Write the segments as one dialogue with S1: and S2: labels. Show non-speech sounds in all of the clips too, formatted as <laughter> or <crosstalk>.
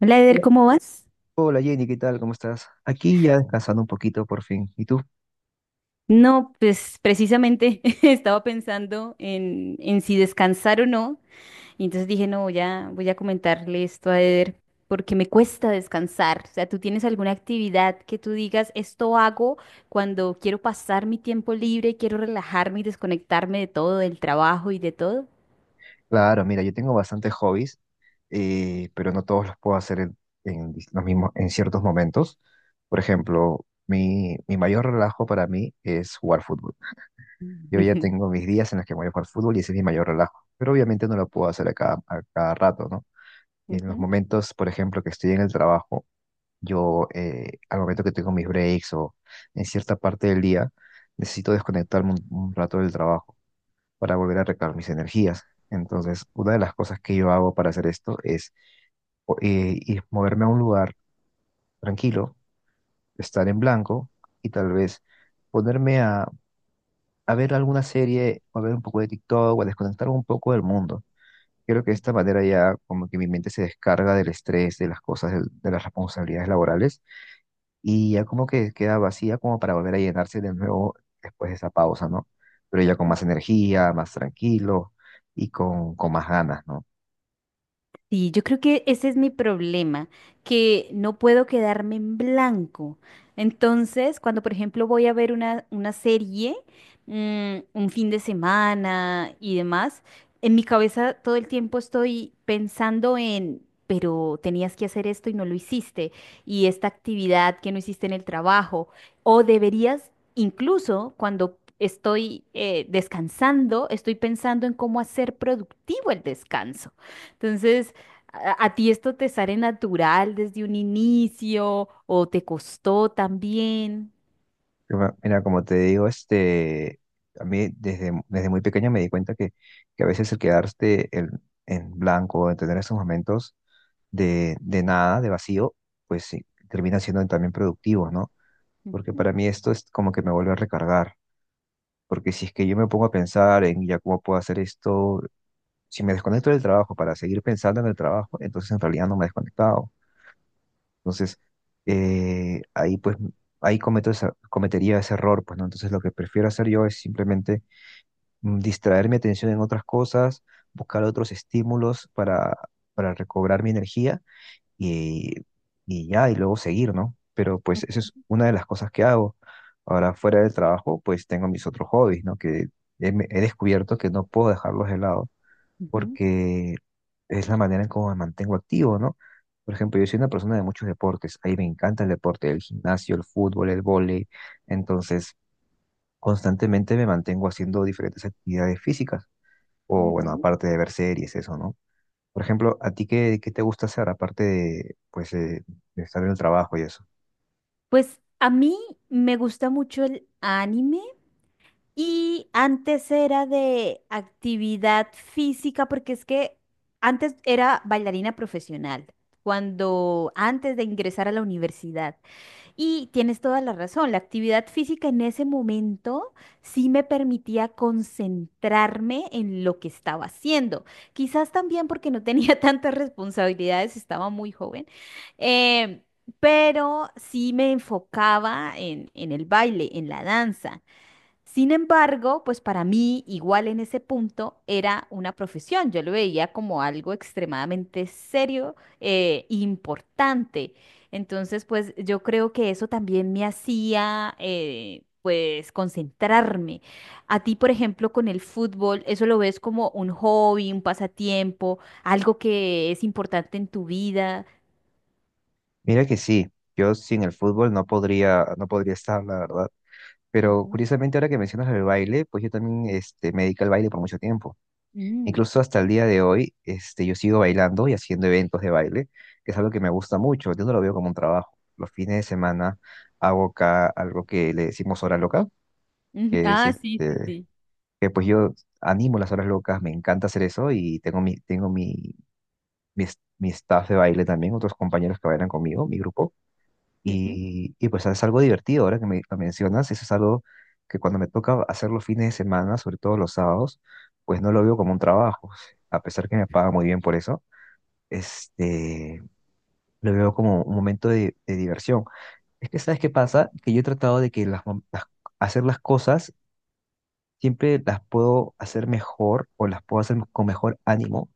S1: Hola, Eder,
S2: Hola
S1: ¿cómo vas?
S2: Hola, Jenny, ¿qué tal? ¿Cómo estás? Aquí ya descansando un poquito por fin. ¿Y tú?
S1: No, pues precisamente <laughs> estaba pensando en si descansar o no, y entonces dije, no, voy a comentarle esto a Eder, porque me cuesta descansar. O sea, ¿tú tienes alguna actividad que tú digas, esto hago cuando quiero pasar mi tiempo libre, quiero relajarme y desconectarme de todo, del trabajo y de todo?
S2: Claro, mira, yo tengo bastantes hobbies, pero no todos los puedo hacer en los mismos, en ciertos momentos. Por ejemplo, mi mayor relajo para mí es jugar fútbol. Yo ya
S1: <laughs>
S2: tengo mis días en los que voy a jugar fútbol y ese es mi mayor relajo, pero obviamente no lo puedo hacer a cada rato, ¿no? En los
S1: Ujú.
S2: momentos, por ejemplo, que estoy en el trabajo, yo al momento que tengo mis breaks o en cierta parte del día, necesito desconectarme un rato del trabajo para volver a recargar mis energías. Entonces, una de las cosas que yo hago para hacer esto es moverme a un lugar tranquilo, estar en blanco y tal vez ponerme a ver alguna serie o a ver un poco de TikTok o a desconectar un poco del mundo. Creo que de esta manera ya como que mi mente se descarga del estrés, de las cosas, de las responsabilidades laborales y ya como que queda vacía como para volver a llenarse de nuevo después de esa pausa, ¿no? Pero ya con más energía, más tranquilo y con más ganas, ¿no?
S1: Sí, yo creo que ese es mi problema, que no puedo quedarme en blanco. Entonces, cuando por ejemplo voy a ver una serie, un fin de semana y demás, en mi cabeza todo el tiempo estoy pensando en, pero tenías que hacer esto y no lo hiciste, y esta actividad que no hiciste en el trabajo, o deberías, incluso Estoy descansando, estoy pensando en cómo hacer productivo el descanso. Entonces, ¿A ti esto te sale natural desde un inicio o te costó también?
S2: Mira, mira, como te digo, este, a mí desde muy pequeño me di cuenta que a veces el quedarse en blanco, en tener esos momentos de nada, de vacío, pues sí, termina siendo también productivo, ¿no? Porque
S1: Ujú,
S2: para mí esto es como que me vuelve a recargar, porque si es que yo me pongo a pensar en ya cómo puedo hacer esto, si me desconecto del trabajo para seguir pensando en el trabajo, entonces en realidad no me he desconectado entonces, ahí pues, ahí cometería ese error, pues, ¿no? Entonces, lo que prefiero hacer yo es simplemente distraer mi atención en otras cosas, buscar otros estímulos para recobrar mi energía y, y ya, y luego seguir, ¿no? Pero pues esa es una de las cosas que hago. Ahora, fuera del trabajo, pues tengo mis otros hobbies, ¿no? Que he descubierto que no puedo dejarlos de lado
S1: ujú,
S2: porque es la manera en cómo me mantengo activo, ¿no? Por ejemplo, yo soy una persona de muchos deportes, ahí me encanta el deporte, el gimnasio, el fútbol, el vóley, entonces constantemente me mantengo haciendo diferentes actividades físicas, o bueno,
S1: ujú.
S2: aparte de ver series, eso, ¿no? Por ejemplo, a ti qué te gusta hacer aparte de, pues, de estar en el trabajo y eso?
S1: Pues a mí me gusta mucho el anime y antes era de actividad física porque es que antes era bailarina profesional, cuando antes de ingresar a la universidad. Y tienes toda la razón, la actividad física en ese momento sí me permitía concentrarme en lo que estaba haciendo. Quizás también porque no tenía <laughs> tantas responsabilidades, estaba muy joven, em, pero sí me enfocaba en el baile, en la danza. Sin embargo, pues para mí, igual en ese punto, era una profesión. Yo lo veía como algo extremadamente serio, importante. Entonces, pues yo creo que eso también me hacía, pues, concentrarme. A ti, por ejemplo, con el fútbol, ¿eso lo ves como un hobby, un pasatiempo, algo que es importante en tu vida?
S2: Mira que sí, yo sin el fútbol no podría, no podría estar, la verdad. Pero
S1: Ujú.
S2: curiosamente ahora que mencionas el baile, pues yo también este, me dediqué al baile por mucho tiempo.
S1: Mm.
S2: Incluso hasta el día de hoy, este, yo sigo bailando y haciendo eventos de baile, que es algo que me gusta mucho. Yo no lo veo como un trabajo. Los fines de semana hago acá algo que le decimos hora loca,
S1: <laughs>
S2: que es
S1: Ah, sí, sí,
S2: este,
S1: sí.
S2: que pues yo animo las horas locas, me encanta hacer eso y tengo mi staff de baile también, otros compañeros que bailan conmigo, mi grupo.
S1: Ujú,
S2: Y pues es algo divertido ahora que me lo mencionas, eso es algo que cuando me toca hacer los fines de semana, sobre todo los sábados, pues no lo veo como un trabajo, a pesar que me paga muy bien por eso, este, lo veo como un momento de diversión. Es que, ¿sabes qué pasa? Que yo he tratado de que hacer las cosas siempre las puedo hacer mejor o las puedo hacer con mejor ánimo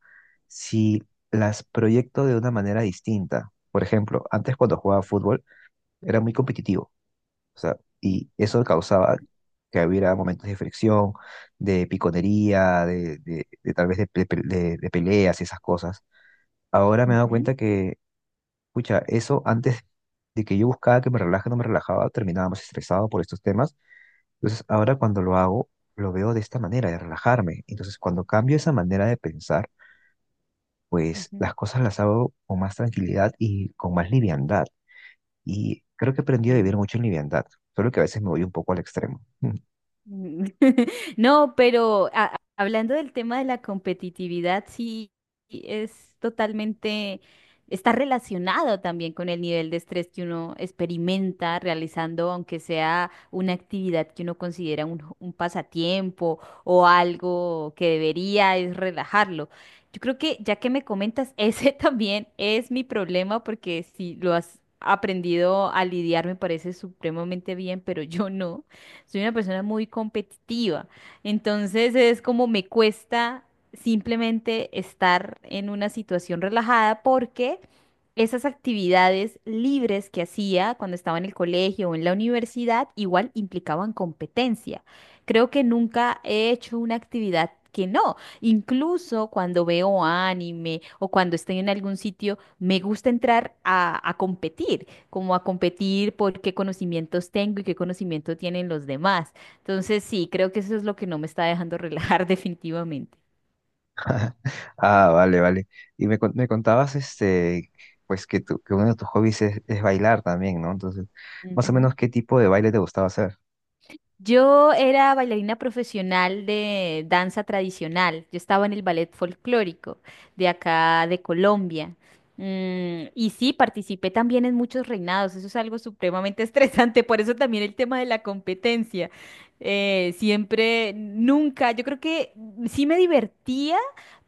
S2: si las proyecto de una manera distinta. Por ejemplo, antes cuando jugaba fútbol era muy competitivo, o sea, y eso causaba que hubiera momentos de fricción, de piconería, de tal vez de, pe- pe- de peleas y esas cosas. Ahora me he dado
S1: ujú,
S2: cuenta que, escucha, eso antes de que yo buscaba que me relaje, no me relajaba, terminaba más estresado por estos temas. Entonces, ahora cuando lo hago, lo veo de esta manera, de relajarme. Entonces, cuando cambio esa manera de pensar, pues
S1: ujú,
S2: las cosas las hago con más tranquilidad y con más liviandad. Y creo que he aprendido a vivir
S1: mm.
S2: mucho en liviandad, solo que a veces me voy un poco al extremo.
S1: Mm. <laughs> No, pero hablando del tema de la competitividad, sí, sí, es totalmente, está relacionado también con el nivel de estrés que uno experimenta realizando, aunque sea una actividad que uno considera un, un pasatiempo o algo que debería es relajarlo. Yo creo que ya que me comentas, ese <laughs> también es mi problema porque si lo has aprendido a lidiar me parece supremamente bien, pero yo no soy una persona muy competitiva. Entonces es como me cuesta simplemente estar en una situación relajada porque esas actividades libres que hacía cuando estaba en el colegio o en la universidad igual implicaban competencia. Creo que nunca he hecho una actividad que no. Incluso cuando veo anime o cuando estoy en algún sitio, me gusta entrar a competir como a competir por qué conocimientos tengo y qué conocimiento tienen los demás. Entonces, sí, creo que eso es lo que no me está dejando relajar <laughs> definitivamente.
S2: Ah, vale, vale. Y me contabas, este, pues que uno de tus hobbies es bailar también, ¿no? Entonces, más o menos,
S1: Ujú.
S2: ¿qué tipo de baile te gustaba hacer?
S1: Yo era bailarina profesional de danza tradicional. Yo estaba en el ballet folclórico de acá de Colombia. Mm, y sí, participé también en muchos reinados. Eso es algo supremamente <laughs> estresante. Por eso también el tema de la competencia. Siempre, nunca. Yo creo que sí me divertía.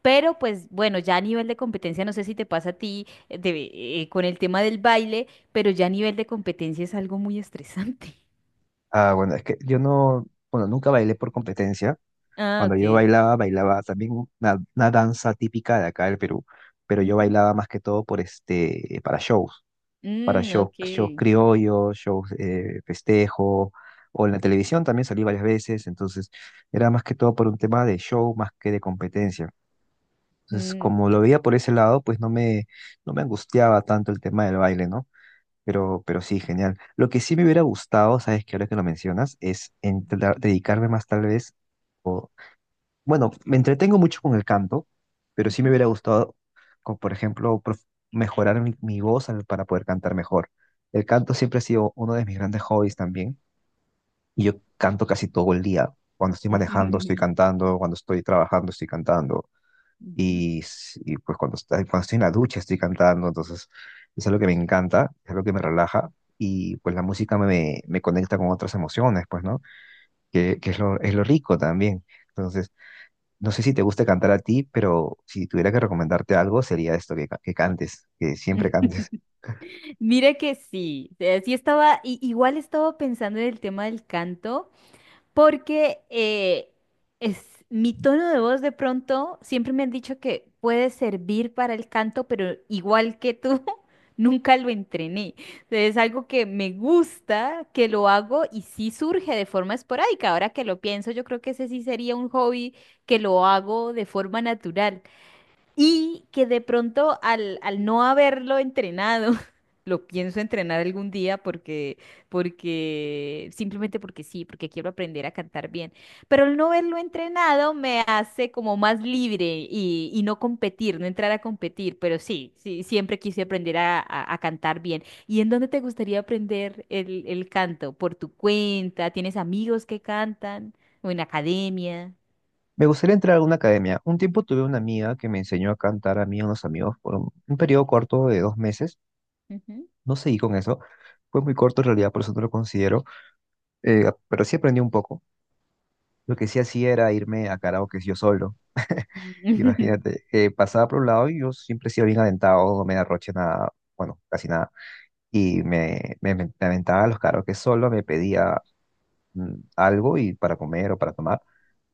S1: Pero pues bueno, ya a nivel de competencia, no sé si te pasa a ti con el tema del baile, pero ya a nivel de competencia es algo muy estresante. <laughs>
S2: Ah, bueno, es que yo no, bueno, nunca bailé por competencia.
S1: Ah,
S2: Cuando yo
S1: ok.
S2: bailaba, bailaba también una danza típica de acá del Perú, pero yo
S1: Ujú.
S2: bailaba más que todo por este, para
S1: Mm,
S2: shows,
S1: ok.
S2: shows criollos, shows festejo, o en la televisión también salí varias veces, entonces era más que todo por un tema de show más que de competencia. Entonces,
S1: Mm,
S2: como lo veía por ese lado, pues no me, no me angustiaba tanto el tema del baile, ¿no? Pero sí, genial. Lo que sí me hubiera gustado, sabes que ahora que lo mencionas, es dedicarme más tal vez, o, bueno, me entretengo mucho con el canto, pero sí me
S1: ujú.
S2: hubiera gustado, con, por ejemplo, mejorar mi voz para poder cantar mejor. El canto siempre ha sido uno de mis grandes hobbies también, y yo canto casi todo el día. Cuando estoy manejando, estoy
S1: <laughs>
S2: cantando, cuando estoy trabajando, estoy cantando.
S1: Ujú.
S2: Y pues cuando estoy en la ducha estoy cantando, entonces es algo que me encanta, es algo que me relaja y pues la música me conecta con otras emociones, pues, ¿no? Que es es lo rico también. Entonces, no sé si te gusta cantar a ti, pero si tuviera que recomendarte algo sería esto, que cantes, que siempre
S1: <laughs>
S2: cantes.
S1: Mira que sí, sí estaba, igual estaba pensando en el tema del canto, porque es mi tono de voz de pronto, siempre me han dicho que puede servir para el canto, pero igual que tú, <laughs> nunca lo entrené. Entonces, es algo que me gusta, que lo hago y sí surge de forma esporádica. Ahora que lo pienso, yo creo que ese sí sería un hobby que lo hago de forma natural. Y que de pronto al no haberlo entrenado, <laughs> lo pienso entrenar algún día porque, porque, simplemente porque sí, porque quiero aprender a cantar bien. Pero el no haberlo entrenado me hace como más libre y no competir, no entrar a competir. Pero sí, sí, siempre quise aprender a, a cantar bien. ¿Y en dónde te gustaría aprender el canto? ¿Por tu cuenta? ¿Tienes amigos que cantan? ¿O en academia?
S2: Me gustaría entrar a una academia. Un tiempo tuve una amiga que me enseñó a cantar a mí y a unos amigos por un periodo corto de 2 meses.
S1: Ujú.
S2: No seguí con eso. Fue muy corto en realidad, por eso no lo considero. Pero sí aprendí un poco. Lo que sí hacía era irme a karaoke yo solo.
S1: <laughs>
S2: Imagínate, pasaba por un lado y yo siempre he sido bien aventado, no me arroché nada, bueno, casi nada. Y me aventaba a los karaoke solo, me pedía algo y para comer o para tomar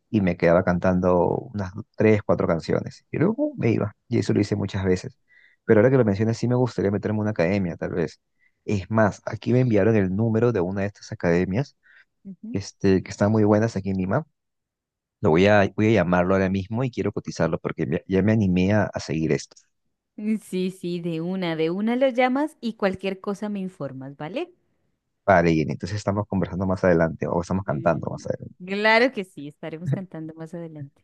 S2: y me quedaba cantando unas tres, cuatro canciones. Y luego me iba, y eso lo hice muchas veces. Pero ahora que lo mencionas, sí me gustaría meterme en una academia, tal vez. Es más, aquí me enviaron el número de una de estas academias,
S1: Ujú.
S2: este, que están muy buenas aquí en Lima. Lo voy a, voy a llamarlo ahora mismo y quiero cotizarlo porque ya me animé a seguir esto.
S1: Mm, sí, sí, de una lo llamas y cualquier cosa me informas, ¿vale?
S2: Vale, y entonces estamos conversando más adelante o estamos cantando más
S1: Mm,
S2: adelante.
S1: claro que sí, estaremos cantando más adelante.